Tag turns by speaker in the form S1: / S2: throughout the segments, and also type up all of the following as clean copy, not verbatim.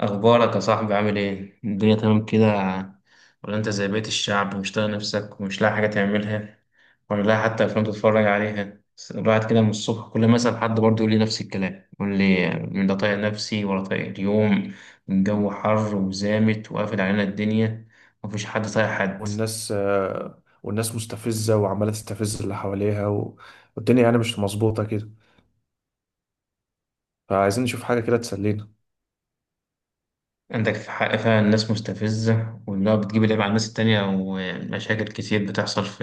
S1: أخبارك يا صاحبي، عامل إيه؟ الدنيا تمام كده، ولا أنت زي بقية الشعب ومش طايق نفسك ومش لاقي حاجة تعملها ولا لاقي حتى أفلام تتفرج عليها؟ بس الواحد كده من الصبح، كل ما أسأل حد برضه يقول لي نفس الكلام، يقول لي لا طايق نفسي ولا طايق اليوم. الجو حر وزامت وقافل علينا الدنيا، مفيش حد طايق حد.
S2: والناس مستفزة وعمالة تستفز اللي حواليها والدنيا يعني مش مظبوطة كده، فعايزين نشوف حاجة كده تسلينا.
S1: عندك في حق فعلا، الناس مستفزة وإنها بتجيب العيب على الناس التانية، ومشاكل كتير بتحصل في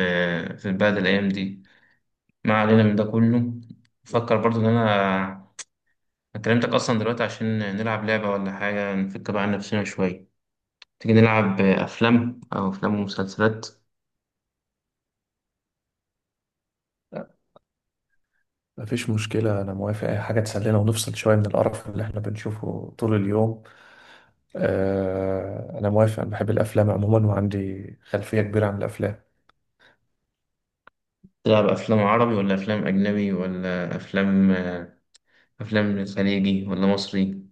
S1: في البلد الأيام دي. ما علينا من ده كله. بفكر برضو ان انا كلمتك اصلا دلوقتي عشان نلعب لعبة ولا حاجة، نفك بقى عن نفسنا شوية. تيجي نلعب افلام او افلام ومسلسلات؟
S2: لا، مفيش مشكلة، أنا موافق أي حاجة تسلينا ونفصل شوية من القرف اللي إحنا بنشوفه طول اليوم. آه، أنا موافق، أنا بحب الأفلام عموما وعندي خلفية كبيرة عن الأفلام.
S1: تلعب افلام عربي ولا افلام اجنبي ولا افلام خليجي ولا مصري؟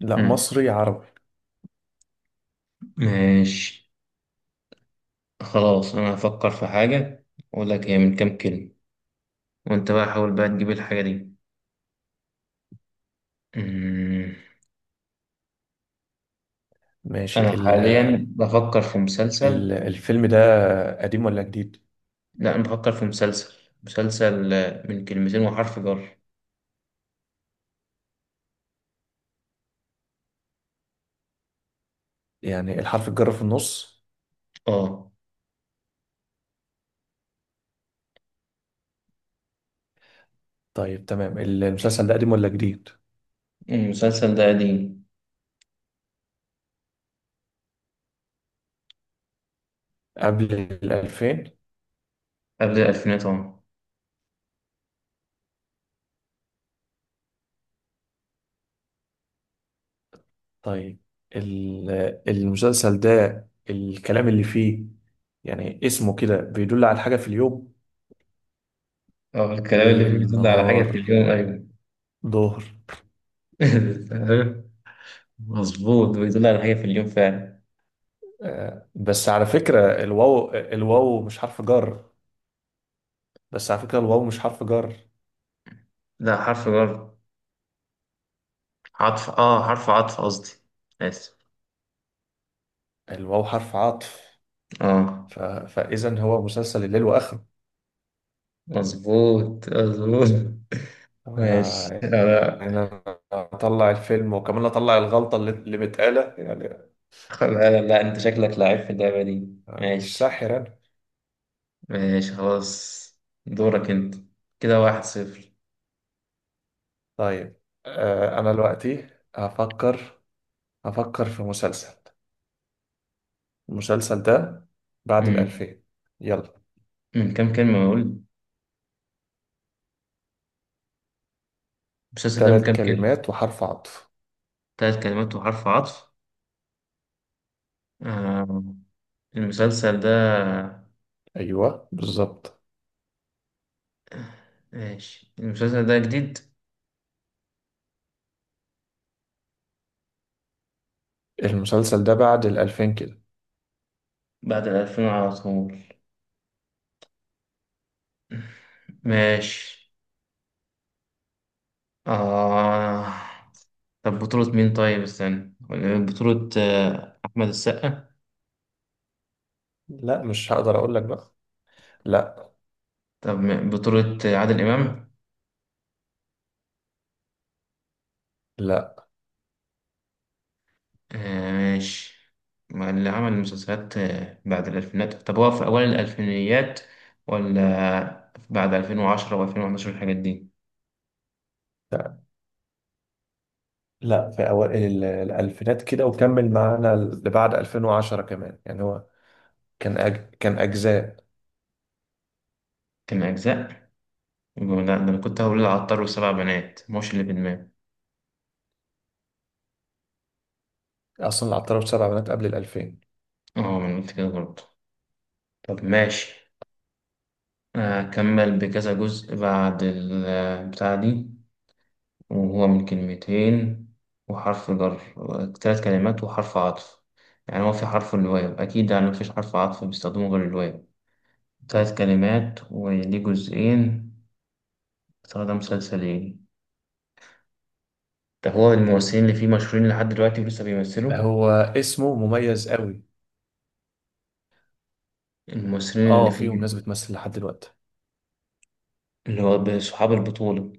S2: لا،
S1: هم.
S2: مصري عربي.
S1: ماشي، خلاص انا هفكر في حاجة، اقول لك هي من كام كلمة، وانت بقى حاول بقى تجيب الحاجة دي. أمم.
S2: ماشي.
S1: انا
S2: ال
S1: حاليا بفكر في
S2: ال
S1: مسلسل.
S2: الفيلم ده قديم ولا جديد؟
S1: لا، أنا بفكر في مسلسل، من كلمتين وحرف جر.
S2: يعني الحرف الجر في النص؟
S1: اه،
S2: طيب تمام. المسلسل ده قديم ولا جديد؟
S1: المسلسل ده قديم،
S2: قبل الألفين؟
S1: قبل الألفينات، اه.
S2: طيب. ال- المسلسل ده، الكلام اللي فيه، يعني اسمه كده بيدل على حاجة في اليوم؟
S1: اه، الكلام اللي فيه
S2: ليل،
S1: بيدل على حاجة في
S2: نهار،
S1: اليوم، أيوة.
S2: ظهر.
S1: فاهم؟ مظبوط، بيدل على حاجة في اليوم فعلا.
S2: آه، بس على فكرة الواو مش حرف جر. بس على فكرة الواو مش حرف جر
S1: لا حرف جر، عطف، اه حرف عطف قصدي، آسف.
S2: الواو حرف عطف.
S1: اه،
S2: فإذا هو مسلسل الليل وآخره.
S1: مظبوط مظبوط.
S2: آه،
S1: ماشي. لا،
S2: يعني أنا أطلع الفيلم وكمان أطلع الغلطة اللي متقالة، يعني
S1: لا، لا، انت شكلك لعيب في اللعبة دي.
S2: أنا مش
S1: ماشي،
S2: ساحر أنا.
S1: ماشي خلاص، دورك انت. كده واحد صفر.
S2: طيب. آه، أنا دلوقتي هفكر، أفكر في مسلسل. المسلسل ده بعد
S1: مم.
S2: الألفين. يلا.
S1: من كام كلمة بقول؟ المسلسل ده من
S2: ثلاث
S1: كام كلمة؟
S2: كلمات وحرف عطف.
S1: تلات كلمات وحرف عطف، آه. المسلسل ده،
S2: أيوة بالظبط.
S1: ماشي، المسلسل ده جديد،
S2: المسلسل ده بعد الألفين كده.
S1: بعد الألفين على طول. ماشي، آه. طب بطولة مين؟ طيب استنى، بطولة أحمد السقا؟
S2: لا، مش هقدر أقول لك بقى. لا.
S1: طب بطولة عادل إمام؟
S2: لا.
S1: آه ماشي. ما اللي عمل المسلسلات بعد الألفينات، طب هو في أوائل الألفينيات ولا بعد 2010 و2011 الحاجات دي؟
S2: لا، في أوائل الألفينات كده، وكمل معانا لبعد 2010 كمان، يعني هو كان أجزاء.
S1: كان أجزاء؟ يبقى لا، ده أنا كنت هقول العطار والسبع بنات، مش اللي في دماغي.
S2: أصلا العطار سبع بنات قبل الألفين.
S1: اه، ما أنا قلت كده برضه. طب ماشي. أكمل بكذا جزء بعد البتاع دي، وهو من كلمتين وحرف جر، ثلاث كلمات وحرف عطف، يعني هو في حرف الواو أكيد، يعني مفيش حرف عطف بيستخدمه غير الواو. ثلاث كلمات وليه جزئين، باستخدام مسلسلين. طب هو الممثلين اللي فيه مشهورين لحد دلوقتي ولسه بيمثلوا؟
S2: هو اسمه مميز قوي.
S1: الممثلين اللي
S2: اه،
S1: فيه
S2: فيهم ناس بتمثل لحد دلوقتي.
S1: اللي هو صحاب البطولة،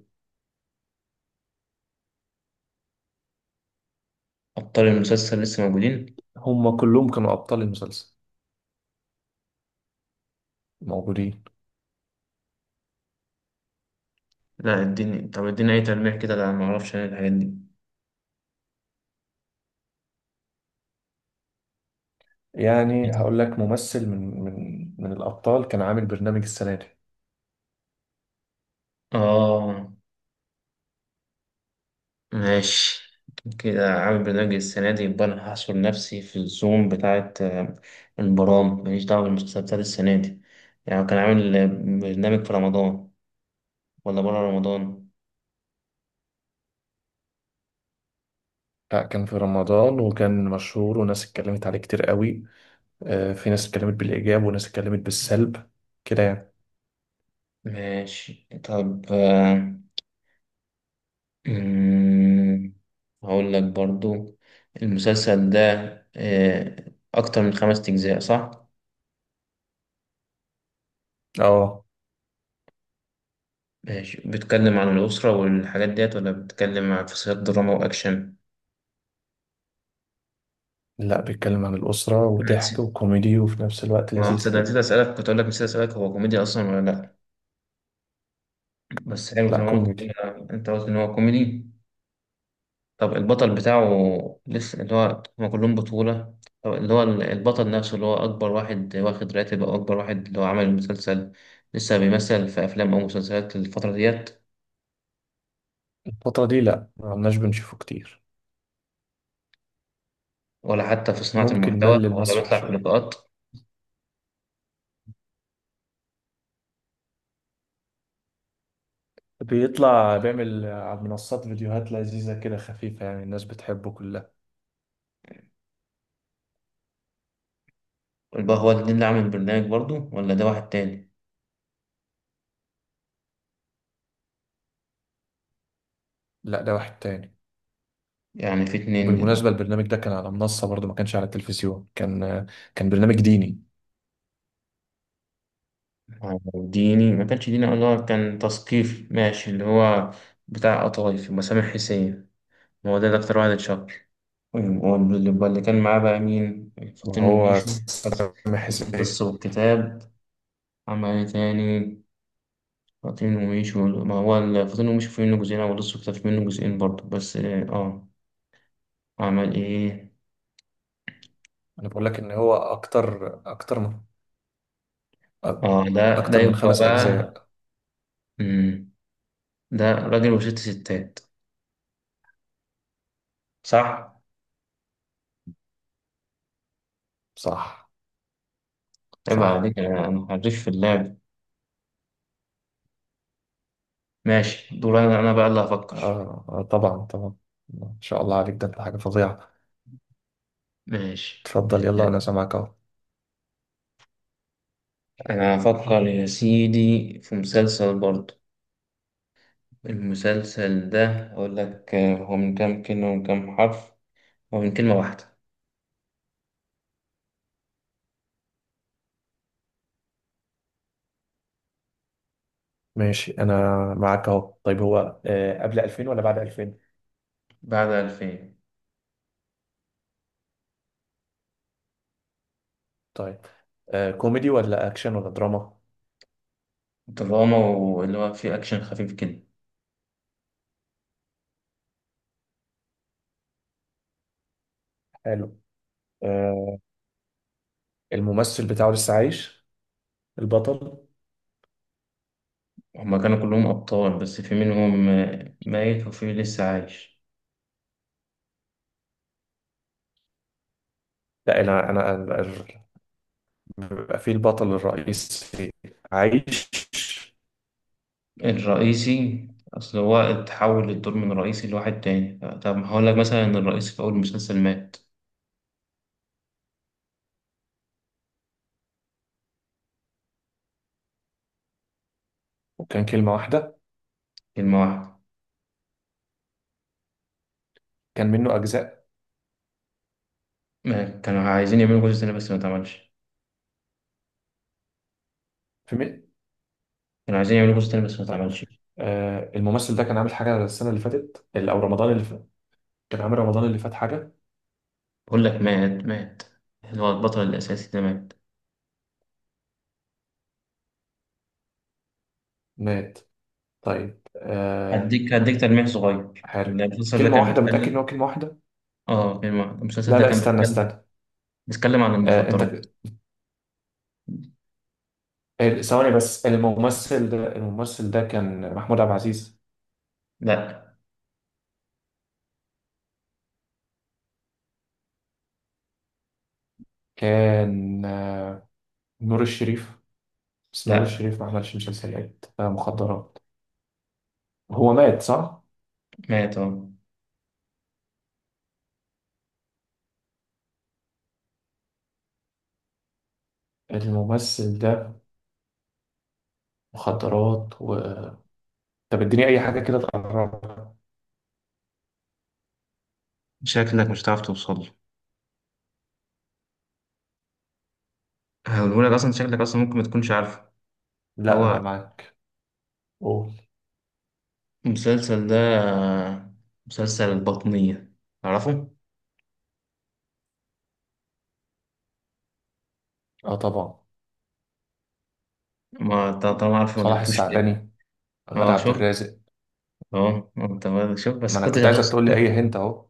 S1: أبطال المسلسل لسه موجودين؟
S2: هم كلهم كانوا أبطال المسلسل موجودين.
S1: لا اديني، طب اديني أي تلميح كده، لا معرفش أنا الحاجات دي.
S2: يعني هقول لك ممثل من الأبطال كان عامل برنامج السنة دي.
S1: آه ماشي، كده عامل برنامج السنة دي، يبقى أنا هحصر نفسي في الزوم بتاعة البرامج، ماليش دعوة بالمسلسلات بتاعت السنة دي. يعني كان عامل برنامج في رمضان ولا بره رمضان؟
S2: لا، كان في رمضان، وكان مشهور، وناس اتكلمت عليه كتير قوي. آه، في ناس اتكلمت بالإيجاب وناس اتكلمت بالسلب كده يعني.
S1: ماشي، طب مم، هقول لك برضو، المسلسل ده آه، أكتر من خمس أجزاء، صح؟
S2: اه.
S1: ماشي، بيتكلم عن الأسرة والحاجات ديت ولا بيتكلم عن في سياق دراما وأكشن؟
S2: لا، بيتكلم عن الأسرة
S1: أنا نسيت،
S2: وضحك وكوميدي، وفي نفس الوقت
S1: ما هو
S2: لذيذ
S1: تصدق
S2: كده.
S1: نسيت أسألك، كنت أقول لك نسيت أسألك هو كوميدي أصلا ولا لأ؟ بس حلو
S2: لا،
S1: تمام.
S2: كوميدي.
S1: أنت قلت إن هو كوميدي. طب البطل بتاعه لسه، اللي هو هما كلهم بطولة، طب اللي هو البطل نفسه اللي هو أكبر واحد واخد راتب، أو أكبر واحد اللي هو عمل المسلسل، لسه بيمثل في أفلام أو مسلسلات الفترة ديت؟
S2: الفترة دي لا، ما عمناش بنشوفه كتير.
S1: ولا حتى في صناعة
S2: ممكن
S1: المحتوى
S2: مل
S1: ولا
S2: المسرح
S1: بيطلع في
S2: شوية.
S1: لقاءات؟
S2: بيطلع، بيعمل على المنصات فيديوهات لذيذة كده، خفيفة، يعني الناس بتحبه كلها.
S1: يبقى هو الاتنين اللي عامل البرنامج برضه ولا ده واحد تاني؟
S2: لا ده واحد تاني.
S1: يعني في اتنين
S2: بالمناسبة
S1: دلوقتي.
S2: البرنامج ده كان على منصة برضه، ما كانش على التلفزيون. كان برنامج ديني.
S1: ديني؟ ما كانش ديني، اللي هو كان تثقيف، ماشي. اللي هو بتاع قطايف مسامح حسين، هو ده أكتر واحد اتشهر. واللي كان معاه بقى مين؟ فاطين
S2: وهو
S1: وميشو؟
S2: سامح حسين.
S1: القصة والكتاب؟ عمل إيه تاني؟ فاطين وميشو ما هو فاطين وميشو في منه جزئين، أو القصة والكتاب في منه جزئين برضه، بس آه عمل إيه؟
S2: أنا بقول لك إن هو أكتر أكتر من
S1: آه ده
S2: أكتر من
S1: يبقى
S2: خمس
S1: بقى.
S2: أجزاء
S1: مم. ده راجل وست ستات، صح؟
S2: صح.
S1: عيب
S2: صح.
S1: عليك، أنا حريف في اللعب. ماشي، دور أنا بقى اللي هفكر.
S2: آه, آه طبعا طبعا. ما شاء الله عليك، ده أنت حاجة فظيعة.
S1: ماشي،
S2: اتفضل، يلا، أنا سامعك أهو.
S1: أنا هفكر يا سيدي في مسلسل برضه. المسلسل ده أقول لك هو من كام كلمة ومن كام حرف. هو من كلمة واحدة،
S2: ماشي. أنا معاك أهو. طيب، هو آه قبل 2000 ولا بعد 2000؟
S1: بعد ألفين،
S2: طيب. آه، كوميدي ولا أكشن ولا دراما؟
S1: دراما، واللي هو فيه أكشن خفيف كده.
S2: حلو. آه، الممثل بتاعه لسه عايش، البطل؟
S1: هما كانوا كلهم أبطال، بس في منهم ميت وفي لسه عايش.
S2: لا، انا بيبقى في البطل الرئيسي عايش.
S1: الرئيسي، أصل هو اتحول الدور من رئيسي لواحد تاني، طب هقول لك مثلا إن الرئيسي في أول المسلسل مات.
S2: وكان كلمة واحدة؟
S1: كلمة واحدة.
S2: كان منه أجزاء؟
S1: ما كانوا عايزين يعملوا جزء تاني بس ما اتعملش،
S2: في مي...
S1: كانوا عايزين يعملوا جزء تاني بس ما
S2: طيب.
S1: اتعملش.
S2: آه، الممثل ده كان عامل حاجة السنة اللي فاتت، أو رمضان اللي فات كان عامل رمضان اللي فات حاجة؟
S1: بقول لك مات مات، اللي هو البطل الأساسي ده مات.
S2: مات؟ طيب. آه،
S1: هديك تلميح صغير. إن
S2: حارب؟
S1: المسلسل ده
S2: كلمة
S1: كان
S2: واحدة، متأكد إن
S1: بيتكلم،
S2: هو كلمة واحدة؟
S1: اه، المسلسل
S2: لا،
S1: ده
S2: لا،
S1: كان
S2: استنى،
S1: بيتكلم
S2: استنى.
S1: بيتكلم عن
S2: آه
S1: المخدرات.
S2: أنت، ثواني بس، الممثل ده كان محمود عبد العزيز؟
S1: لا،
S2: كان آه، نور الشريف؟ بس نور
S1: لا،
S2: الشريف ما عملش مسلسلات آه مخدرات. هو مات صح؟
S1: مات اه.
S2: الممثل ده، مخدرات و... طب اديني أي حاجة كده تقربها.
S1: شكلك مش هتعرف توصل له، هقولهولك اصلا، شكلك اصلا ممكن ما تكونش عارفه.
S2: لا، أنا
S1: هو
S2: معاك، قول.
S1: المسلسل ده مسلسل البطنية، تعرفه؟
S2: اه طبعا.
S1: ما ط- طالما عارفه، ما
S2: صلاح
S1: جبتوش ليه؟
S2: السعدني، غادة
S1: اه
S2: عبد
S1: شوف،
S2: الرازق.
S1: اه انت ما- شوف بس
S2: ما أنا
S1: كنتش
S2: كنت عايزك تقول لي
S1: هتوصل.
S2: أي هنت أهو.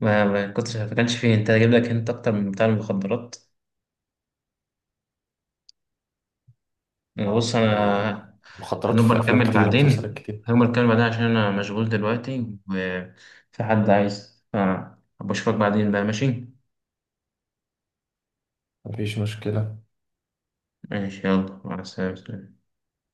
S1: ما كنتش، ما كانش فيه انت، هجيب لك انت اكتر من بتاع المخدرات. بص
S2: ما هي
S1: انا،
S2: مخدرات
S1: هنبقى
S2: في أفلام
S1: نكمل
S2: كتير ومسلسلات
S1: بعدين،
S2: كتير.
S1: هنبقى نكمل بعدين، عشان انا مشغول دلوقتي وفي حد عايز أبقى اشوفك بعدين بقى، ماشي.
S2: مفيش مشكلة.
S1: ماشي، يلا مع السلامة.